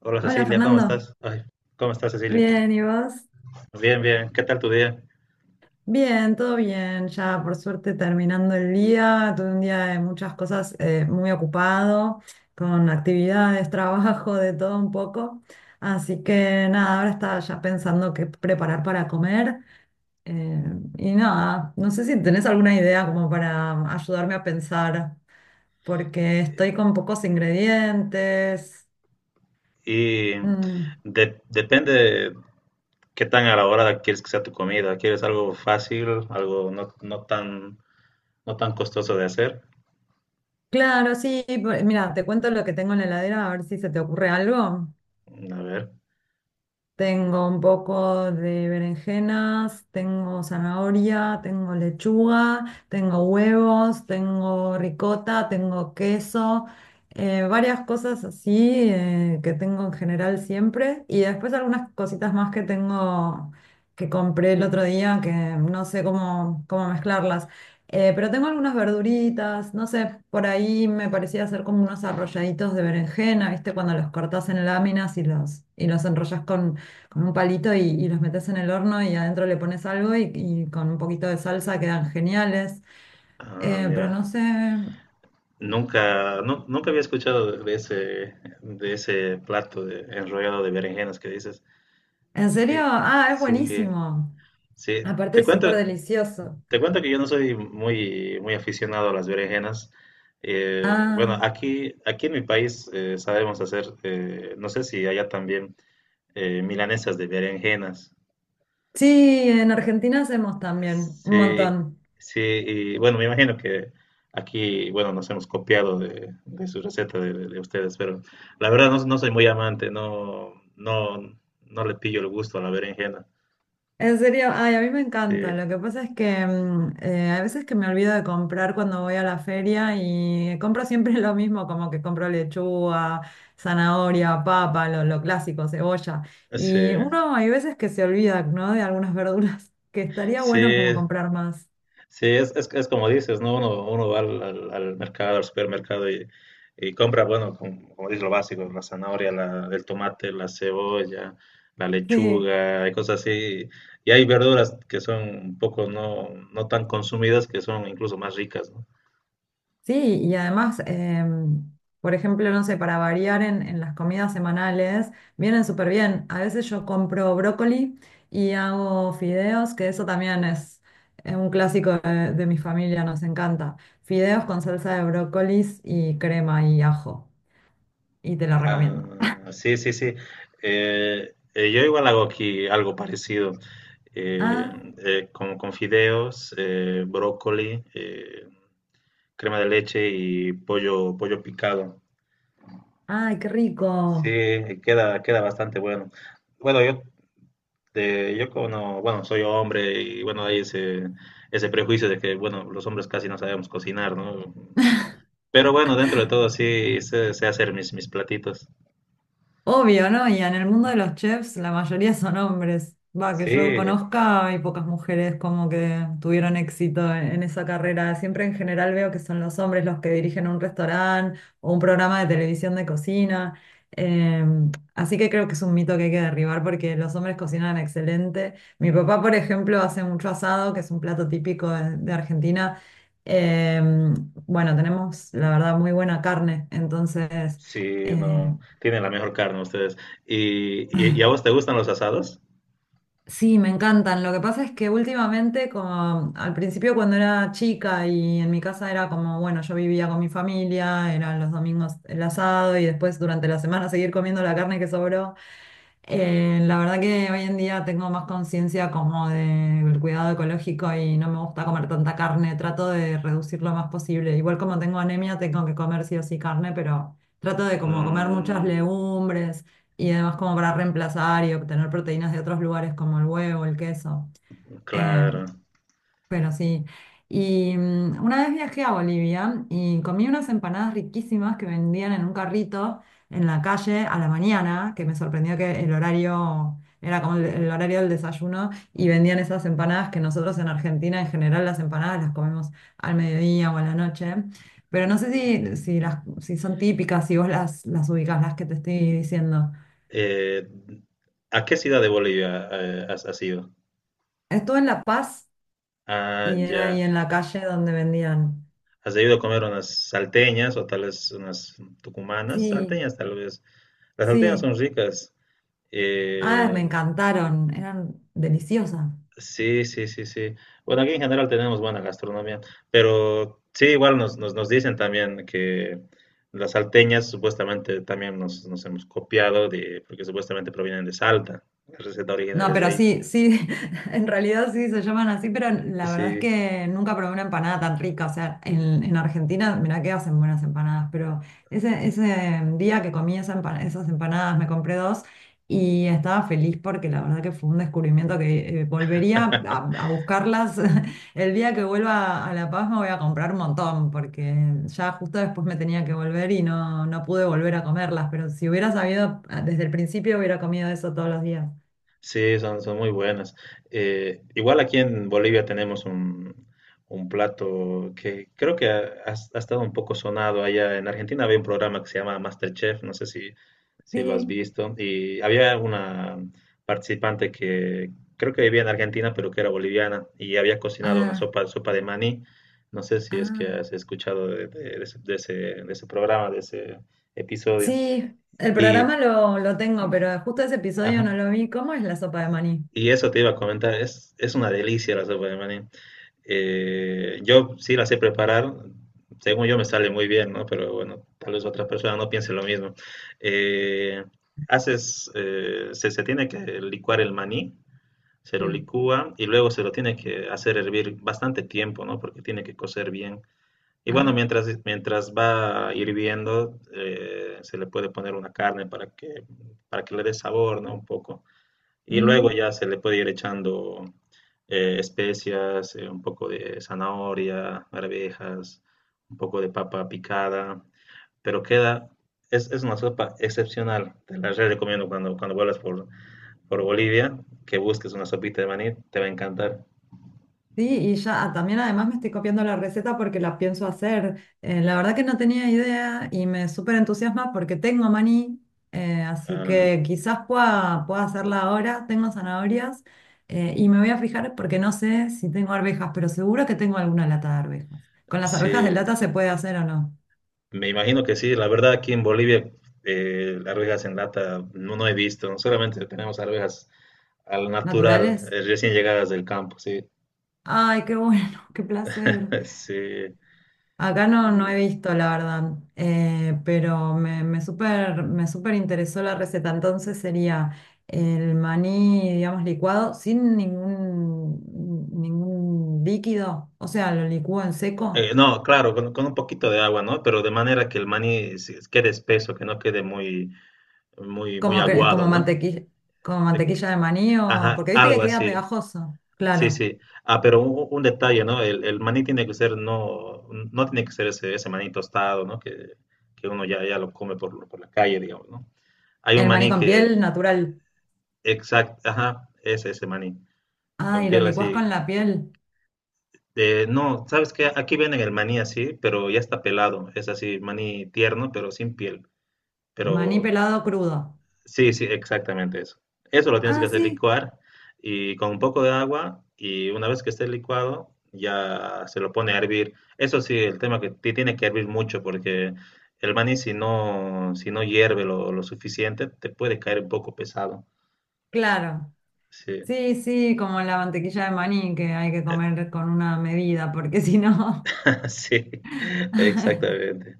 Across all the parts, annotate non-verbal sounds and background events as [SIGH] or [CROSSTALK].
Hola Hola Cecilia, ¿cómo Fernando, estás? Ay, ¿cómo estás Cecilia? bien, ¿y vos? Bien, bien, ¿qué tal tu día? Bien, todo bien, ya por suerte terminando el día, tuve un día de muchas cosas muy ocupado, con actividades, [LAUGHS] trabajo, de todo un poco, así que nada, ahora estaba ya pensando qué preparar para comer eh, y nada, no sé si tenés alguna idea como para ayudarme a pensar, porque estoy con pocos ingredientes. Y Mm. Depende qué tan elaborada quieres que sea tu comida. ¿Quieres algo fácil, algo no, no tan, no tan costoso de hacer? Claro, sí, mira, te cuento lo que tengo en la heladera, a ver si se te ocurre algo. A ver, Tengo un poco de berenjenas, tengo zanahoria, tengo lechuga, tengo huevos, tengo ricota, tengo queso, varias cosas así que tengo en general siempre. Y después algunas cositas más que tengo que compré el otro día que no sé cómo mezclarlas. Pero tengo algunas verduritas, no sé, por ahí me parecía hacer como unos arrolladitos de berenjena, ¿viste? Cuando los cortas en láminas y y los enrollas con un palito y los metes en el horno y adentro le pones algo y con un poquito de salsa quedan geniales. ah, Pero mira, no sé, nunca, nunca había escuchado de ese, de ese plato de enrollado de berenjenas que dices. ¿en serio? Eh, Ah, es Sí, buenísimo. sí, Aparte te es súper cuento. delicioso. Te cuento que yo no soy muy, muy aficionado a las berenjenas. Bueno, Ah, aquí, aquí en mi país sabemos hacer, no sé si allá también, milanesas de berenjenas. sí, en Argentina hacemos también un Sí, montón. sí, y bueno, me imagino que aquí, bueno, nos hemos copiado de su receta de ustedes, pero la verdad no, no soy muy amante, no, no, no le pillo el gusto a la berenjena. En serio, ay, a mí me Sí, encanta. Lo que pasa es que a veces que me olvido de comprar cuando voy a la feria y compro siempre [LAUGHS] lo mismo, como que compro lechuga, zanahoria, papa, lo clásico, cebolla. sí, Y uno hay veces que se olvida, ¿no? De algunas verduras, [LAUGHS] que estaría sí. bueno como comprar más. Sí, es como dices, ¿no? Uno, uno va al, al mercado, al supermercado y compra, bueno, como, como dices, lo básico, la zanahoria, la, el tomate, la cebolla, la Sí. lechuga, y cosas así. Y hay verduras que son un poco no, no tan consumidas, que son incluso más ricas, ¿no? Sí, y además, por ejemplo, no sé, para variar en las comidas semanales, vienen súper bien. A veces yo compro brócoli y hago fideos, que eso también es un clásico de mi familia, nos encanta. Fideos con salsa de brócolis y crema y ajo, y te lo recomiendo. Ah, sí, sí, sí. Yo igual hago aquí algo parecido, eh, Ah, con fideos, brócoli, crema de leche y pollo, pollo picado. ay, qué Sí, rico. queda, queda bastante bueno. Bueno, yo, yo como, bueno, soy hombre y bueno, hay ese, ese prejuicio de que, bueno, los hombres casi no sabemos cocinar, ¿no? Pero bueno, dentro de todo sí sé, sé hacer mis, mis platitos. Obvio, ¿no? Y en el mundo de los chefs la mayoría son hombres. Va, que Sí, yo conozca, hay pocas mujeres como que tuvieron éxito en esa carrera. Siempre en general veo que son los hombres los que dirigen un restaurante o un programa de televisión de cocina. Eh, Así que creo que es un mito que hay que derribar porque los hombres cocinan excelente. Mi papá, por ejemplo, hace mucho asado, que es un plato típico de Argentina. Eh, bueno, tenemos la verdad muy buena carne, entonces... sí, Eh, no, tienen la mejor carne ustedes. Y a vos te gustan los asados? Sí, me encantan. Lo que pasa es que últimamente, como al principio cuando era chica y en mi casa era como, bueno, yo vivía con mi familia, eran los domingos el asado y después durante la semana seguir comiendo la carne que sobró. La verdad que hoy en día tengo más conciencia como del cuidado ecológico y no me gusta comer tanta carne, trato de reducir lo más posible. Igual como tengo anemia, tengo que comer sí o sí carne, pero trato de como comer muchas Mm, legumbres y además como para reemplazar y obtener proteínas de otros lugares como el huevo, el queso. Eh, claro. pero sí. Y una vez viajé a Bolivia y comí unas empanadas riquísimas que vendían en un carrito en la calle a la mañana, que me sorprendió que el horario era como el horario del desayuno y vendían esas empanadas que nosotros en Argentina en general las empanadas las comemos al mediodía o a la noche. Pero no sé si son típicas, si vos las ubicás, las que te estoy diciendo. Eh, ¿A qué ciudad de Bolivia has, has ido? Estuve en La Paz Ah, y era ahí ya. en la calle donde vendían. ¿Has debido comer unas salteñas o tal vez unas tucumanas? Sí, Salteñas tal vez. Las salteñas sí. son ricas. Ah, me Eh, encantaron, eran deliciosas. sí, sí, sí, sí. Bueno, aquí en general tenemos buena gastronomía, pero sí, igual nos, nos, nos dicen también que las salteñas supuestamente también nos, nos hemos copiado de, porque supuestamente provienen de Salta. La receta No, original de pero ahí. sí, sí, [LAUGHS] en realidad sí se llaman así, pero la verdad es Sí. que nunca probé una empanada tan rica. O sea, en Argentina, mirá que hacen buenas empanadas, pero ese día que comí esas empanadas, me compré dos y estaba feliz porque la verdad que fue un descubrimiento que volvería [LAUGHS] a buscarlas. [LAUGHS] El día que vuelva a La Paz me voy a comprar un montón, porque ya justo después me tenía que volver y no, no pude volver a comerlas, pero si hubiera sabido ah, desde el principio hubiera comido eso todos los días. Sí, son, son muy buenas. Igual aquí en Bolivia tenemos un plato que creo que ha, ha estado un poco sonado allá. En Argentina había un programa que se llama MasterChef, no sé si, si lo has Sí. visto. Y había una participante que creo que vivía en Argentina, pero que era boliviana y había cocinado una Ah, sopa, sopa de maní. No sé si es que ah, has escuchado de, de ese, de ese de ese programa, de ese episodio. sí, el Y, programa lo tengo, pero justo ese episodio no ajá. lo vi. ¿Cómo es la sopa de maní? Y eso te iba a comentar, es una delicia la sopa de maní. Yo sí la sé preparar, según yo me sale muy bien, ¿no? Pero bueno, tal vez otras personas no piensen lo mismo. Eh, haces, se, se tiene que licuar el maní, se lo Sí, licúa y luego se lo tiene que hacer hervir bastante tiempo, ¿no? Porque tiene que cocer bien. Y bueno, ajá. mientras, mientras va hirviendo, se le puede poner una carne para que le dé sabor, ¿no? Un poco. Y luego Mm, ya se le puede ir echando especias, un poco de zanahoria, arvejas, un poco de papa picada, pero queda, es una sopa excepcional. Te la re recomiendo cuando, cuando vuelas por Bolivia, que busques una sopita de maní, te va a encantar. sí, y ya ah, también además me estoy copiando la receta porque la pienso hacer. La verdad que no tenía idea y me súper entusiasma porque tengo maní, así Ah, que quizás pueda hacerla ahora. Tengo zanahorias y me voy a fijar porque no sé si tengo arvejas, pero seguro que tengo alguna lata de arvejas. ¿Con las arvejas de sí, lata se puede hacer o no? me imagino que sí. La verdad, aquí en Bolivia, arvejas en lata no, no he visto, solamente tenemos arvejas al natural, ¿Naturales? Recién llegadas del campo, sí. Ay, qué bueno, [LAUGHS] qué placer. [LAUGHS] Sí, Acá no, no he y, visto, la verdad, pero me súper interesó la receta. Entonces sería el maní, digamos, licuado sin ningún líquido, o sea, lo licúo en seco, no, claro, con un poquito de agua, ¿no? Pero de manera que el maní quede espeso, que no quede muy, muy, muy aguado, ¿no? mantequilla, como Eh, mantequilla de maní, o, ajá, porque viste que algo queda así. pegajoso, Sí, claro. sí. Ah, pero un detalle, ¿no? El maní tiene que ser, no, no tiene que ser ese, ese maní tostado, ¿no? Que uno ya, ya lo come por la calle, digamos, ¿no? Hay un El maní maní con que, piel natural. exacto, ajá, es ese maní, con Ay, lo piel licuás con así. la piel. No, ¿sabes qué? Aquí venden el maní así, pero ya está pelado. Es así, maní tierno, pero sin piel. Maní Pero pelado crudo. sí, sí, exactamente eso. Eso lo tienes que Ah, hacer sí, licuar y con un poco de agua y una vez que esté licuado ya se lo pone a hervir. Eso sí, el tema que tiene que hervir mucho porque el maní si no, si no hierve lo suficiente te puede caer un poco pesado. claro. Sí, Sí, sí, como la mantequilla de maní que hay que comer con una medida, porque [LAUGHS] si no, [LAUGHS] sí, exactamente.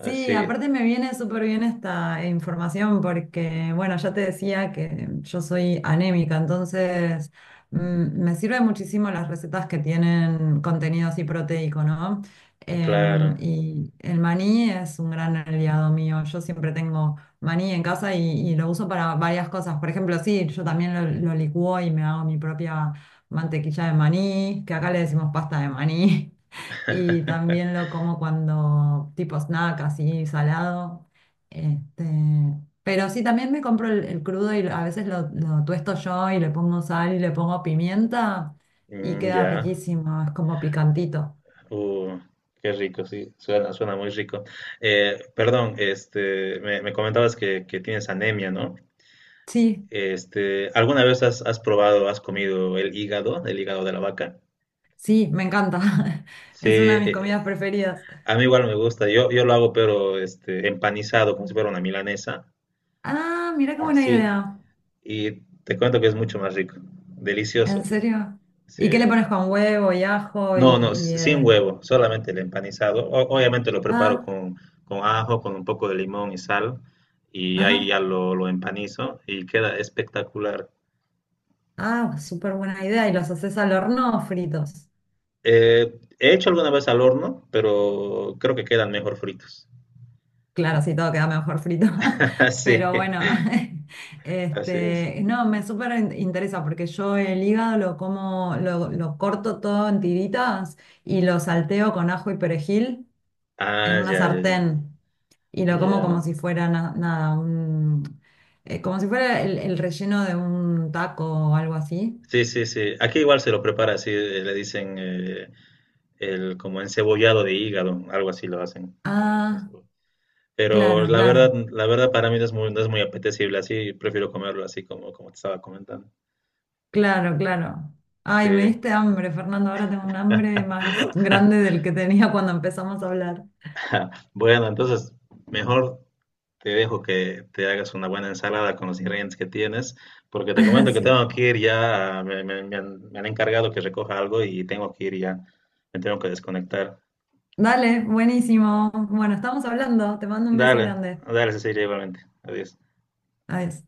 sí, aparte me viene súper bien esta información porque, bueno, ya te decía que yo soy anémica, entonces me sirven muchísimo las recetas que tienen contenido así proteico, ¿no? Claro. Y el maní es un gran aliado mío. Yo siempre tengo maní en casa y lo uso para varias cosas. Por ejemplo, sí, yo también lo licúo y me hago mi propia mantequilla de maní, que acá le decimos pasta de maní. Y también lo [LAUGHS] como cuando, tipo snack, así salado. Este, pero sí, también me compro el crudo y a veces lo tuesto yo y le pongo sal y le pongo pimienta y Mm, queda ya. riquísimo, es como picantito. Uh, qué rico, sí, suena, suena muy rico. Perdón, este, me comentabas que tienes anemia, ¿no? Sí, Este, ¿alguna vez has, has probado, has comido el hígado de la vaca? sí, me encanta. [LAUGHS] Sí, Es una de mis comidas preferidas. a mí igual me gusta. Yo lo hago, pero este, empanizado, como si fuera una milanesa. Ah, mira qué buena Así. idea. Y te cuento que es mucho más rico. Delicioso, ¿En sí. serio? Sí. ¿Y qué le pones con huevo y ajo y... No, no, sin huevo, solamente el empanizado. Obviamente lo preparo ah, con ajo, con un poco de limón y sal, y ahí ajá. ya lo empanizo y queda espectacular. Ah, súper buena idea. Y los haces al horno o fritos. Eh, he hecho alguna vez al horno, pero creo que quedan mejor fritos. Claro, sí, todo queda mejor frito. [LAUGHS] [LAUGHS] Sí, Pero bueno, [LAUGHS] así es. este, no, me interesa porque yo el hígado lo como, lo corto todo en tiritas y lo salteo con ajo y perejil en Ah, una ya, ya, ya. sartén y lo como como Ya. si fuera nada, como si fuera el relleno de un taco o algo así. Sí, sí, sí. Aquí igual se lo prepara así, le dicen el como encebollado de hígado, algo así lo hacen con Ah, cebolla. Pero claro, claro, la verdad para mí no es muy, no es muy apetecible así, prefiero comerlo así como, como te estaba comentando. claro, claro. Ay, Sí. me diste hambre, Fernando. Ahora tengo un hambre más grande del que tenía cuando empezamos a hablar. [LAUGHS] Bueno, entonces mejor te dejo que te hagas una buena ensalada con los ingredientes que tienes, porque te [LAUGHS] comento que Sí. tengo que ir ya, me, me han encargado que recoja algo y tengo que ir ya, me tengo que desconectar. Dale, buenísimo. Bueno, estamos hablando. Te mando un beso Dale, grande. dale, Cecilia, igualmente. Adiós. Adiós.